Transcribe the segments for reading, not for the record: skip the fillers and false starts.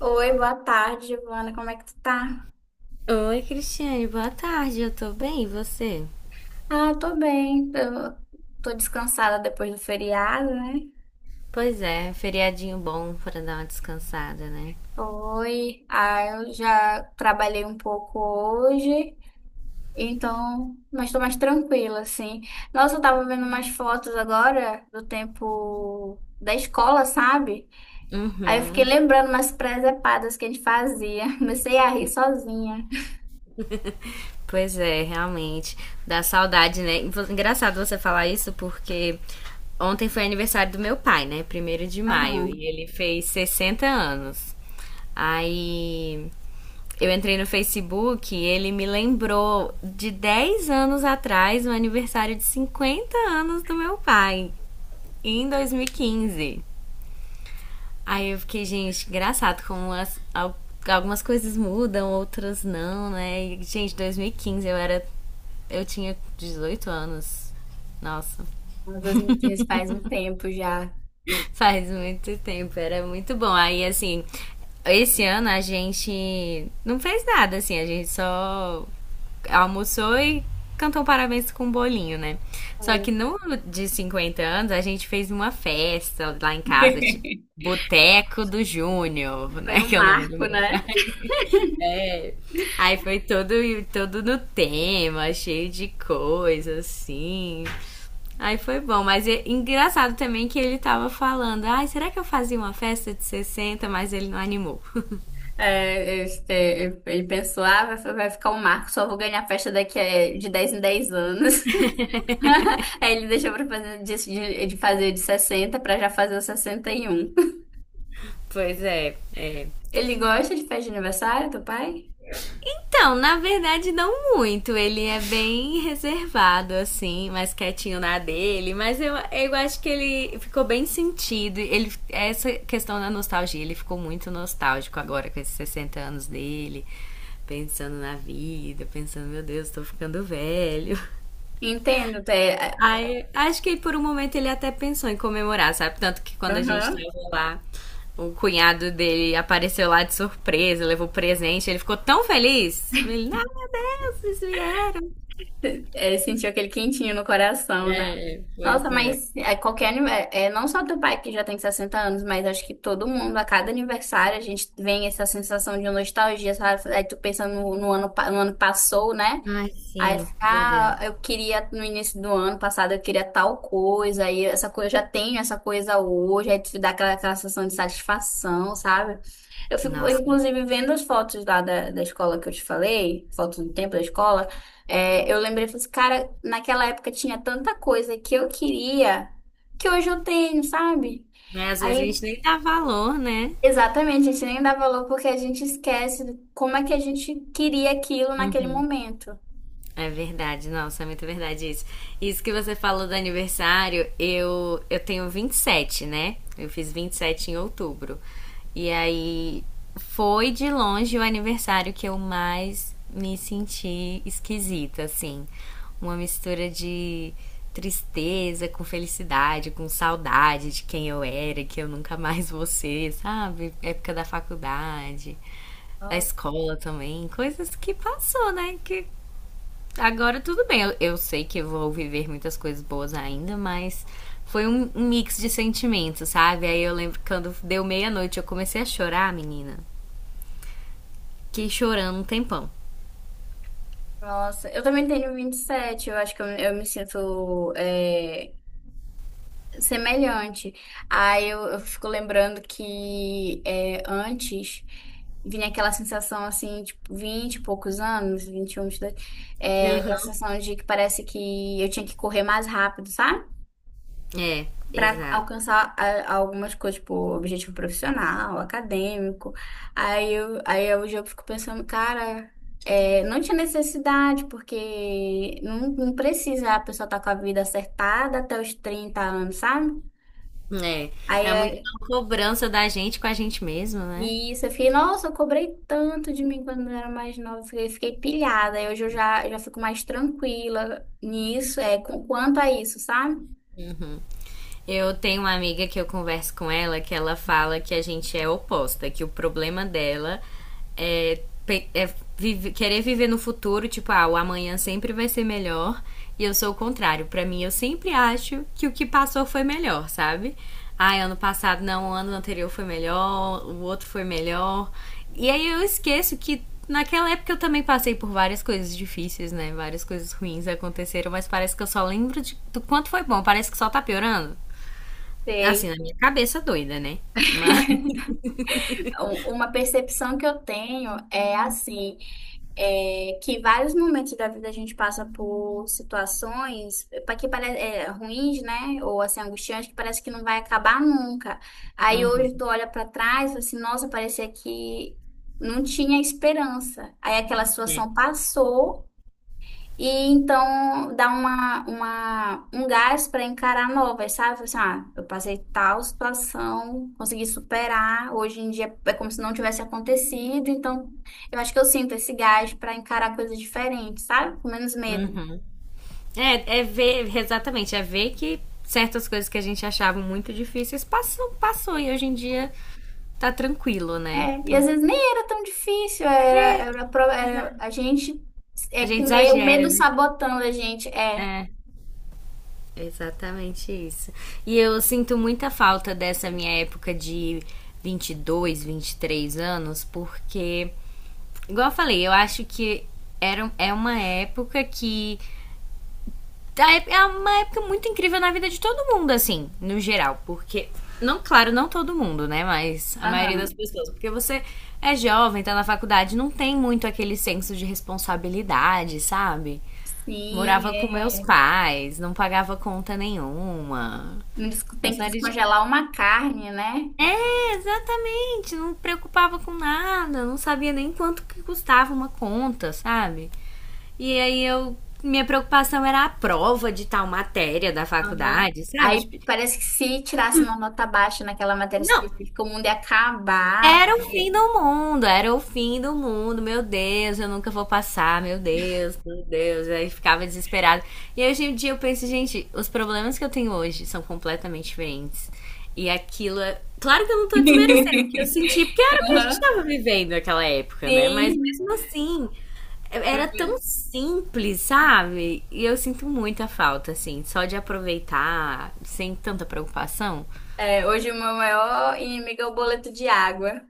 Oi, boa tarde, Giovana. Como é que tu tá? Oi, Cristiane, boa tarde. Eu tô bem, e você? Ah, tô bem. Eu tô descansada depois do feriado, né? Pois é, feriadinho bom pra dar uma descansada, né? Foi. Ah, eu já trabalhei um pouco hoje, então, mas tô mais tranquila, assim. Nossa, eu tava vendo umas fotos agora do tempo da escola, sabe? Aí eu fiquei Uhum. lembrando umas presepadas que a gente fazia. Comecei a rir sozinha. Pois é, realmente. Dá saudade, né? Engraçado você falar isso porque ontem foi aniversário do meu pai, né? Primeiro de maio. Aham, E ele fez 60 anos. Aí eu entrei no Facebook e ele me lembrou de 10 anos atrás o aniversário de 50 anos do meu pai, em 2015. Aí eu fiquei, gente, engraçado como algumas coisas mudam, outras não, né? E, gente, 2015 eu era. Eu tinha 18 anos. Nossa. 2015 faz um tempo já. Faz muito tempo, era muito bom. Aí, assim, esse ano a gente não fez nada, assim, a gente só almoçou e cantou parabéns com um bolinho, né? Só Sim. que no de 50 anos a gente fez uma festa lá em casa, tipo, Boteco do Júnior, Foi né? um Que é o nome do marco, meu. né? Aí foi todo no tema, cheio de coisa, assim. Aí foi bom, mas é engraçado também que ele tava falando, ai, será que eu fazia uma festa de sessenta, mas ele não animou. É, este, ele pensou, ah, vai ficar um marco, só vou ganhar festa daqui a, de 10 em 10 anos. Aí ele deixou pra fazer de fazer de 60 pra já fazer os 61. Pois é, é. Ele gosta de festa de aniversário do pai? Então, na verdade, não muito. Ele é bem reservado, assim, mais quietinho na dele. Mas eu acho que ele ficou bem sentido. Ele, essa questão da nostalgia, ele ficou muito nostálgico agora com esses 60 anos dele. Pensando na vida, pensando, meu Deus, tô ficando velho. Entendo, Aí, acho que por um momento ele até pensou em comemorar, sabe? Tanto que quando a gente aham. tava lá, o cunhado dele apareceu lá de surpresa, levou presente, ele ficou tão feliz. Ele, ah, meu Deus, vocês vieram. É, sentiu aquele quentinho no coração, né? É, Nossa, pois é. mas é, qualquer aniversário, não só teu pai que já tem 60 anos, mas acho que todo mundo, a cada aniversário, a gente vem essa sensação de nostalgia, sabe? Aí tu pensa no ano que passou, né? Ai, Aí sim, meu Deus. ficar, eu queria no início do ano passado, eu queria tal coisa, aí essa coisa, eu já tenho essa coisa hoje, aí te dá aquela sensação de satisfação, sabe? Eu fico, Nossa. inclusive, vendo as fotos lá da escola que eu te falei, fotos do tempo da escola, é, eu lembrei, falei assim, cara, naquela época tinha tanta coisa que eu queria, que hoje eu tenho, sabe? Mas às vezes a Aí, gente nem dá valor, né? exatamente, a gente nem dá valor porque a gente esquece como é que a gente queria aquilo naquele momento. É verdade, nossa, é muito verdade isso. Isso que você falou do aniversário, eu tenho 27, né? Eu fiz 27 em outubro. E aí foi de longe o aniversário que eu mais me senti esquisita, assim. Uma mistura de tristeza com felicidade, com saudade de quem eu era, que eu nunca mais vou ser, sabe? Época da faculdade, da escola também, coisas que passou, né? Que. Agora tudo bem, eu sei que eu vou viver muitas coisas boas ainda, mas foi um mix de sentimentos, sabe? Aí eu lembro que quando deu meia-noite eu comecei a chorar, menina. Fiquei chorando um tempão. Nossa, eu também tenho 27. Eu acho que eu me sinto semelhante. Aí eu fico lembrando que é, antes vinha aquela sensação assim, tipo, 20 e poucos anos, 21, 22. É, aquela Aham. sensação de que parece que eu tinha que correr mais rápido, sabe? É, Para exato. alcançar ah, algumas coisas, tipo, objetivo profissional, acadêmico. Aí hoje eu fico pensando, cara, é, não tinha necessidade, porque não precisa a pessoa estar com a vida acertada até os 30 anos, sabe? É, Aí é muito é, uma cobrança da gente com a gente mesma, né? e isso, eu fiquei, nossa, eu cobrei tanto de mim quando eu era mais nova, fiquei pilhada. Aí hoje eu já fico mais tranquila nisso, é, com, quanto a isso, sabe? Eu tenho uma amiga que eu converso com ela que ela fala que a gente é oposta, que o problema dela é querer viver no futuro, tipo, ah, o amanhã sempre vai ser melhor. E eu sou o contrário. Pra mim, eu sempre acho que o que passou foi melhor, sabe? Ah, ano passado não, o ano anterior foi melhor, o outro foi melhor. E aí eu esqueço que naquela época eu também passei por várias coisas difíceis, né? Várias coisas ruins aconteceram, mas parece que eu só lembro do quanto foi bom. Parece que só tá piorando. Assim, Sei. na minha cabeça doida, né? Mas. Uma percepção que eu tenho é assim. É, que vários momentos da vida a gente passa por situações para que pare- é, ruins, né? Ou assim, angustiantes, que parece que não vai acabar nunca. Aí hoje tu Uhum, olha para trás, e fala assim, nossa, parecia que não tinha esperança. Aí aquela é, situação passou. E então dá um gás para encarar novas, sabe? Fala assim, ah, eu passei tal situação, consegui superar, hoje em dia é como se não tivesse acontecido, então eu acho que eu sinto esse gás para encarar coisas diferentes, sabe? Com menos medo. uhum. É, é ver, exatamente, é ver que certas coisas que a gente achava muito difíceis passou, passou e hoje em dia tá tranquilo, né? É, e Então, às vezes nem era tão difícil, era a gente é, a com gente medo, o exagera, medo né? sabotando a gente. É, É, exatamente isso. E eu sinto muita falta dessa minha época de 22, 23 anos, porque, igual eu falei, eu acho que é uma época que a é uma época muito incrível na vida de todo mundo, assim, no geral. Porque, não, claro, não todo mundo, né? Mas a maioria das aham. pessoas. Porque você é jovem, tá na faculdade, não tem muito aquele senso de responsabilidade, sabe? Sim, Morava com meus é. pais, não pagava conta nenhuma. Não des- Uma Tem que série de. descongelar uma carne, né? É, exatamente, não preocupava com nada, não sabia nem quanto que custava uma conta, sabe? E aí eu. Minha preocupação era a prova de tal matéria da Aham. faculdade, sabe? Aí Tipo, parece que se tirasse uma nota baixa naquela matéria não, específica, o mundo ia acabar. era o fim do mundo, era o fim do mundo, meu Deus, eu nunca vou passar, meu Deus, meu Deus. Aí ficava desesperado. E hoje em dia eu penso, gente, os problemas que eu tenho hoje são completamente diferentes. E aquilo é. Claro que eu não tô desmerecendo, porque eu senti, porque era o que a gente Aham. tava vivendo naquela época, né? Mas Sim. mesmo assim, é, era tão simples, sabe? E eu sinto muita falta, assim, só de aproveitar sem tanta preocupação. Hoje o meu maior inimigo é o boleto de água.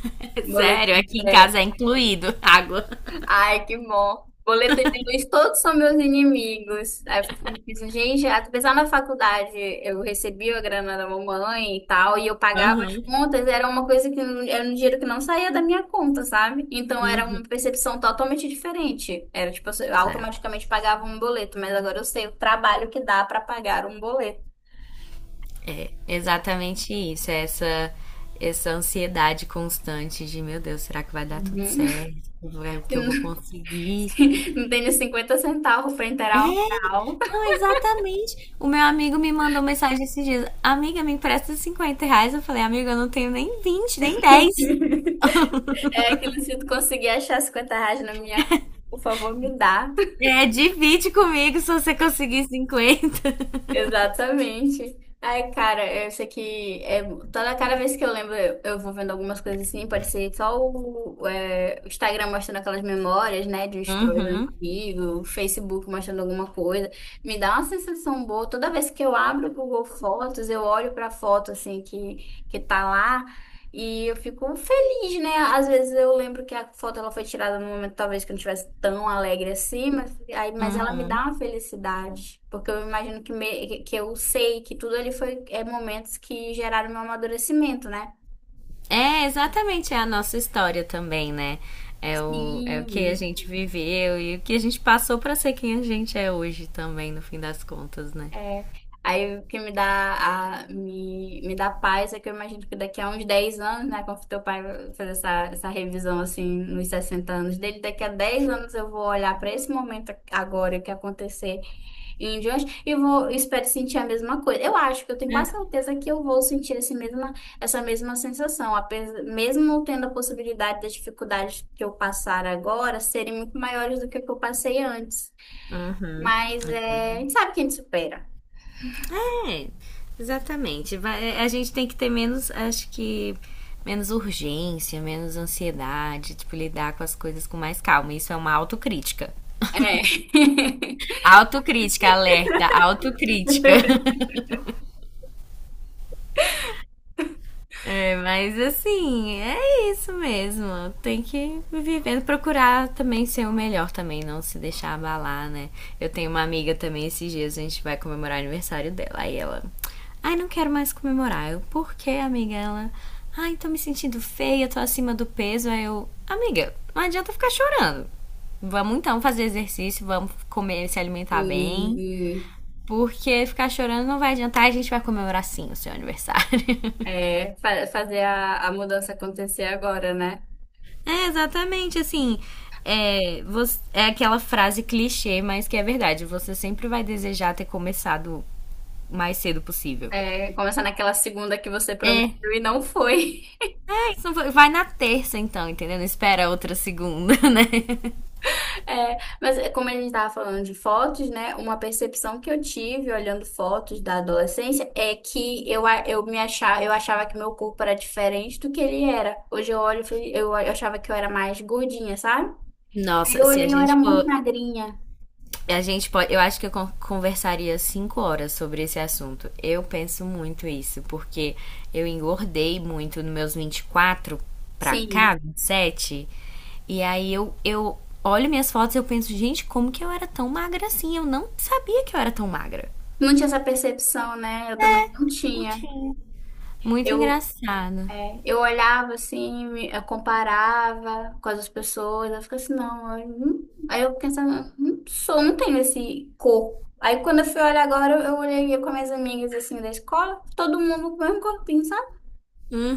Boleto. Sério, aqui em É, casa é incluído água. ai, que bom. Boleto de luz, todos são meus inimigos. Aí eu fico pensando, gente, apesar na faculdade eu recebia a grana da mamãe e tal, e eu pagava as Aham. contas, era uma coisa que não- era um dinheiro que não saía da minha conta, sabe? Então era Hum. uma percepção totalmente diferente. Era tipo, eu Exato. automaticamente pagava um boleto, mas agora eu sei o trabalho que dá pra pagar um boleto. Exatamente isso, é essa, essa ansiedade constante de, meu Deus, será que vai dar tudo Uhum. certo? Que eu vou conseguir? Se não tem nem 50 centavos pra inteirar um real. Não, exatamente. O meu amigo me mandou mensagem esses dias. Amiga, me empresta 50 reais. Eu falei, amiga, eu não tenho nem 20 nem 10. É aquilo, se tu conseguir achar 50 reais na minha conta, por favor, me dá. É, divide comigo se você conseguir 50. Exatamente. Ai, cara, eu sei que é, toda cada vez que eu lembro, eu vou vendo algumas coisas assim, pode ser só o, é, o Instagram mostrando aquelas memórias, né, de stories Uhum, antigo, o Facebook mostrando alguma coisa. Me dá uma sensação boa. Toda vez que eu abro o Google Fotos, eu olho pra foto assim que tá lá e eu fico feliz. Depende, né? Às vezes eu lembro que a foto ela foi tirada num momento talvez que eu não estivesse tão alegre assim, mas, aí, mas ela me uhum. dá uma felicidade, porque eu imagino que, que eu sei que tudo ali foi é, momentos que geraram meu amadurecimento, né? É, exatamente, é a nossa história também, né? É o, é o que a Sim. gente viveu e o que a gente passou pra ser quem a gente é hoje também, no fim das contas, né? É, aí o que me dá a, me dá paz é que eu imagino que daqui a uns 10 anos, né, quando teu pai fazer essa revisão assim nos 60 anos dele, daqui a 10 anos eu vou olhar para esse momento agora o que aconteceu em diante e vou, espero sentir a mesma coisa. Eu acho que eu tenho quase É. certeza que eu vou sentir essa mesma sensação, apesar, mesmo tendo a possibilidade das dificuldades que eu passar agora serem muito maiores do que o que eu passei antes. Uhum. Mas é, a gente sabe que a gente supera. É, exatamente. A gente tem que ter menos, acho que, menos urgência, menos ansiedade, tipo, lidar com as coisas com mais calma. Isso é uma autocrítica. É. Autocrítica, alerta, autocrítica. É, mas assim, é isso mesmo. Tem que viver, procurar também ser o melhor também, não se deixar abalar, né? Eu tenho uma amiga também, esses dias a gente vai comemorar o aniversário dela. Aí ela, ai, não quero mais comemorar. Eu, por que, amiga? Ela, ai, tô me sentindo feia, tô acima do peso. Aí eu, amiga, não adianta ficar chorando. Vamos então fazer exercício, vamos comer, se alimentar bem. E, Porque ficar chorando não vai adiantar, a gente vai comemorar sim o seu aniversário. Fazer a mudança acontecer agora, né? É, exatamente, assim. É, é aquela frase clichê, mas que é verdade. Você sempre vai desejar ter começado o mais cedo possível. É, começar naquela segunda que você É. prometeu e não foi. É isso, vai na terça, então, entendeu? Não espera outra segunda, né? É, mas é, como a gente estava falando de fotos, né? Uma percepção que eu tive olhando fotos da adolescência é que eu me achava, eu achava que meu corpo era diferente do que ele era. Hoje eu olho, eu achava que eu era mais gordinha, sabe? Aí Nossa, eu se a olhei, eu era gente muito for. magrinha. A gente pode, eu acho que eu conversaria 5 horas sobre esse assunto. Eu penso muito isso, porque eu engordei muito nos meus 24 pra cá, Sim. 27. E sete, e aí eu olho minhas fotos e eu penso, gente, como que eu era tão magra assim? Eu não sabia que eu era tão magra. Não tinha essa percepção, né? Eu também não Não tinha. tinha. Muito Eu engraçado. É, eu olhava assim, eu comparava com as outras pessoas, eu ficava assim, não, eu não- aí eu pensava, não sou, não tenho esse corpo. Aí quando eu fui olhar agora, eu olhei com as minhas amigas assim da escola, todo mundo com o mesmo corpinho, sabe?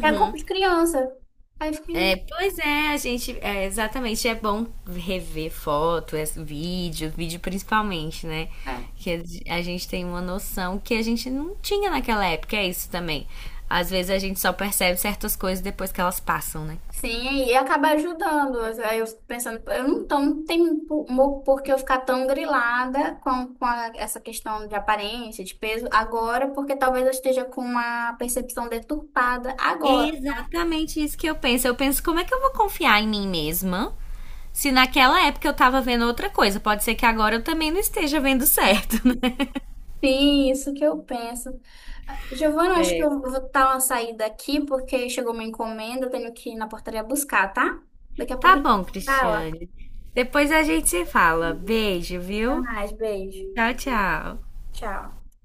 Era corpo de criança. Aí eu É, fiquei, pois é, a gente, é, exatamente, é bom rever foto, é, vídeo, vídeo principalmente, né? é. Que a gente tem uma noção que a gente não tinha naquela época, é isso também. Às vezes a gente só percebe certas coisas depois que elas passam, né? Sim, e acaba ajudando. Aí eu fico pensando, eu não, tô, não tem por que eu ficar tão grilada com, essa questão de aparência, de peso, agora, porque talvez eu esteja com uma percepção deturpada É agora. exatamente isso que eu penso. Eu penso, como é que eu vou confiar em mim mesma se naquela época eu tava vendo outra coisa? Pode ser que agora eu também não esteja vendo certo, né? Sim, isso que eu penso. Ah, Giovana, acho que É. eu vou dar uma saída aqui, porque chegou uma encomenda, eu tenho que ir na portaria buscar, tá? Daqui a pouco Tá a gente bom, fala. Cristiane. Depois a gente se fala. Beijo, Até viu? mais, beijo. Tchau, tchau. Tchau.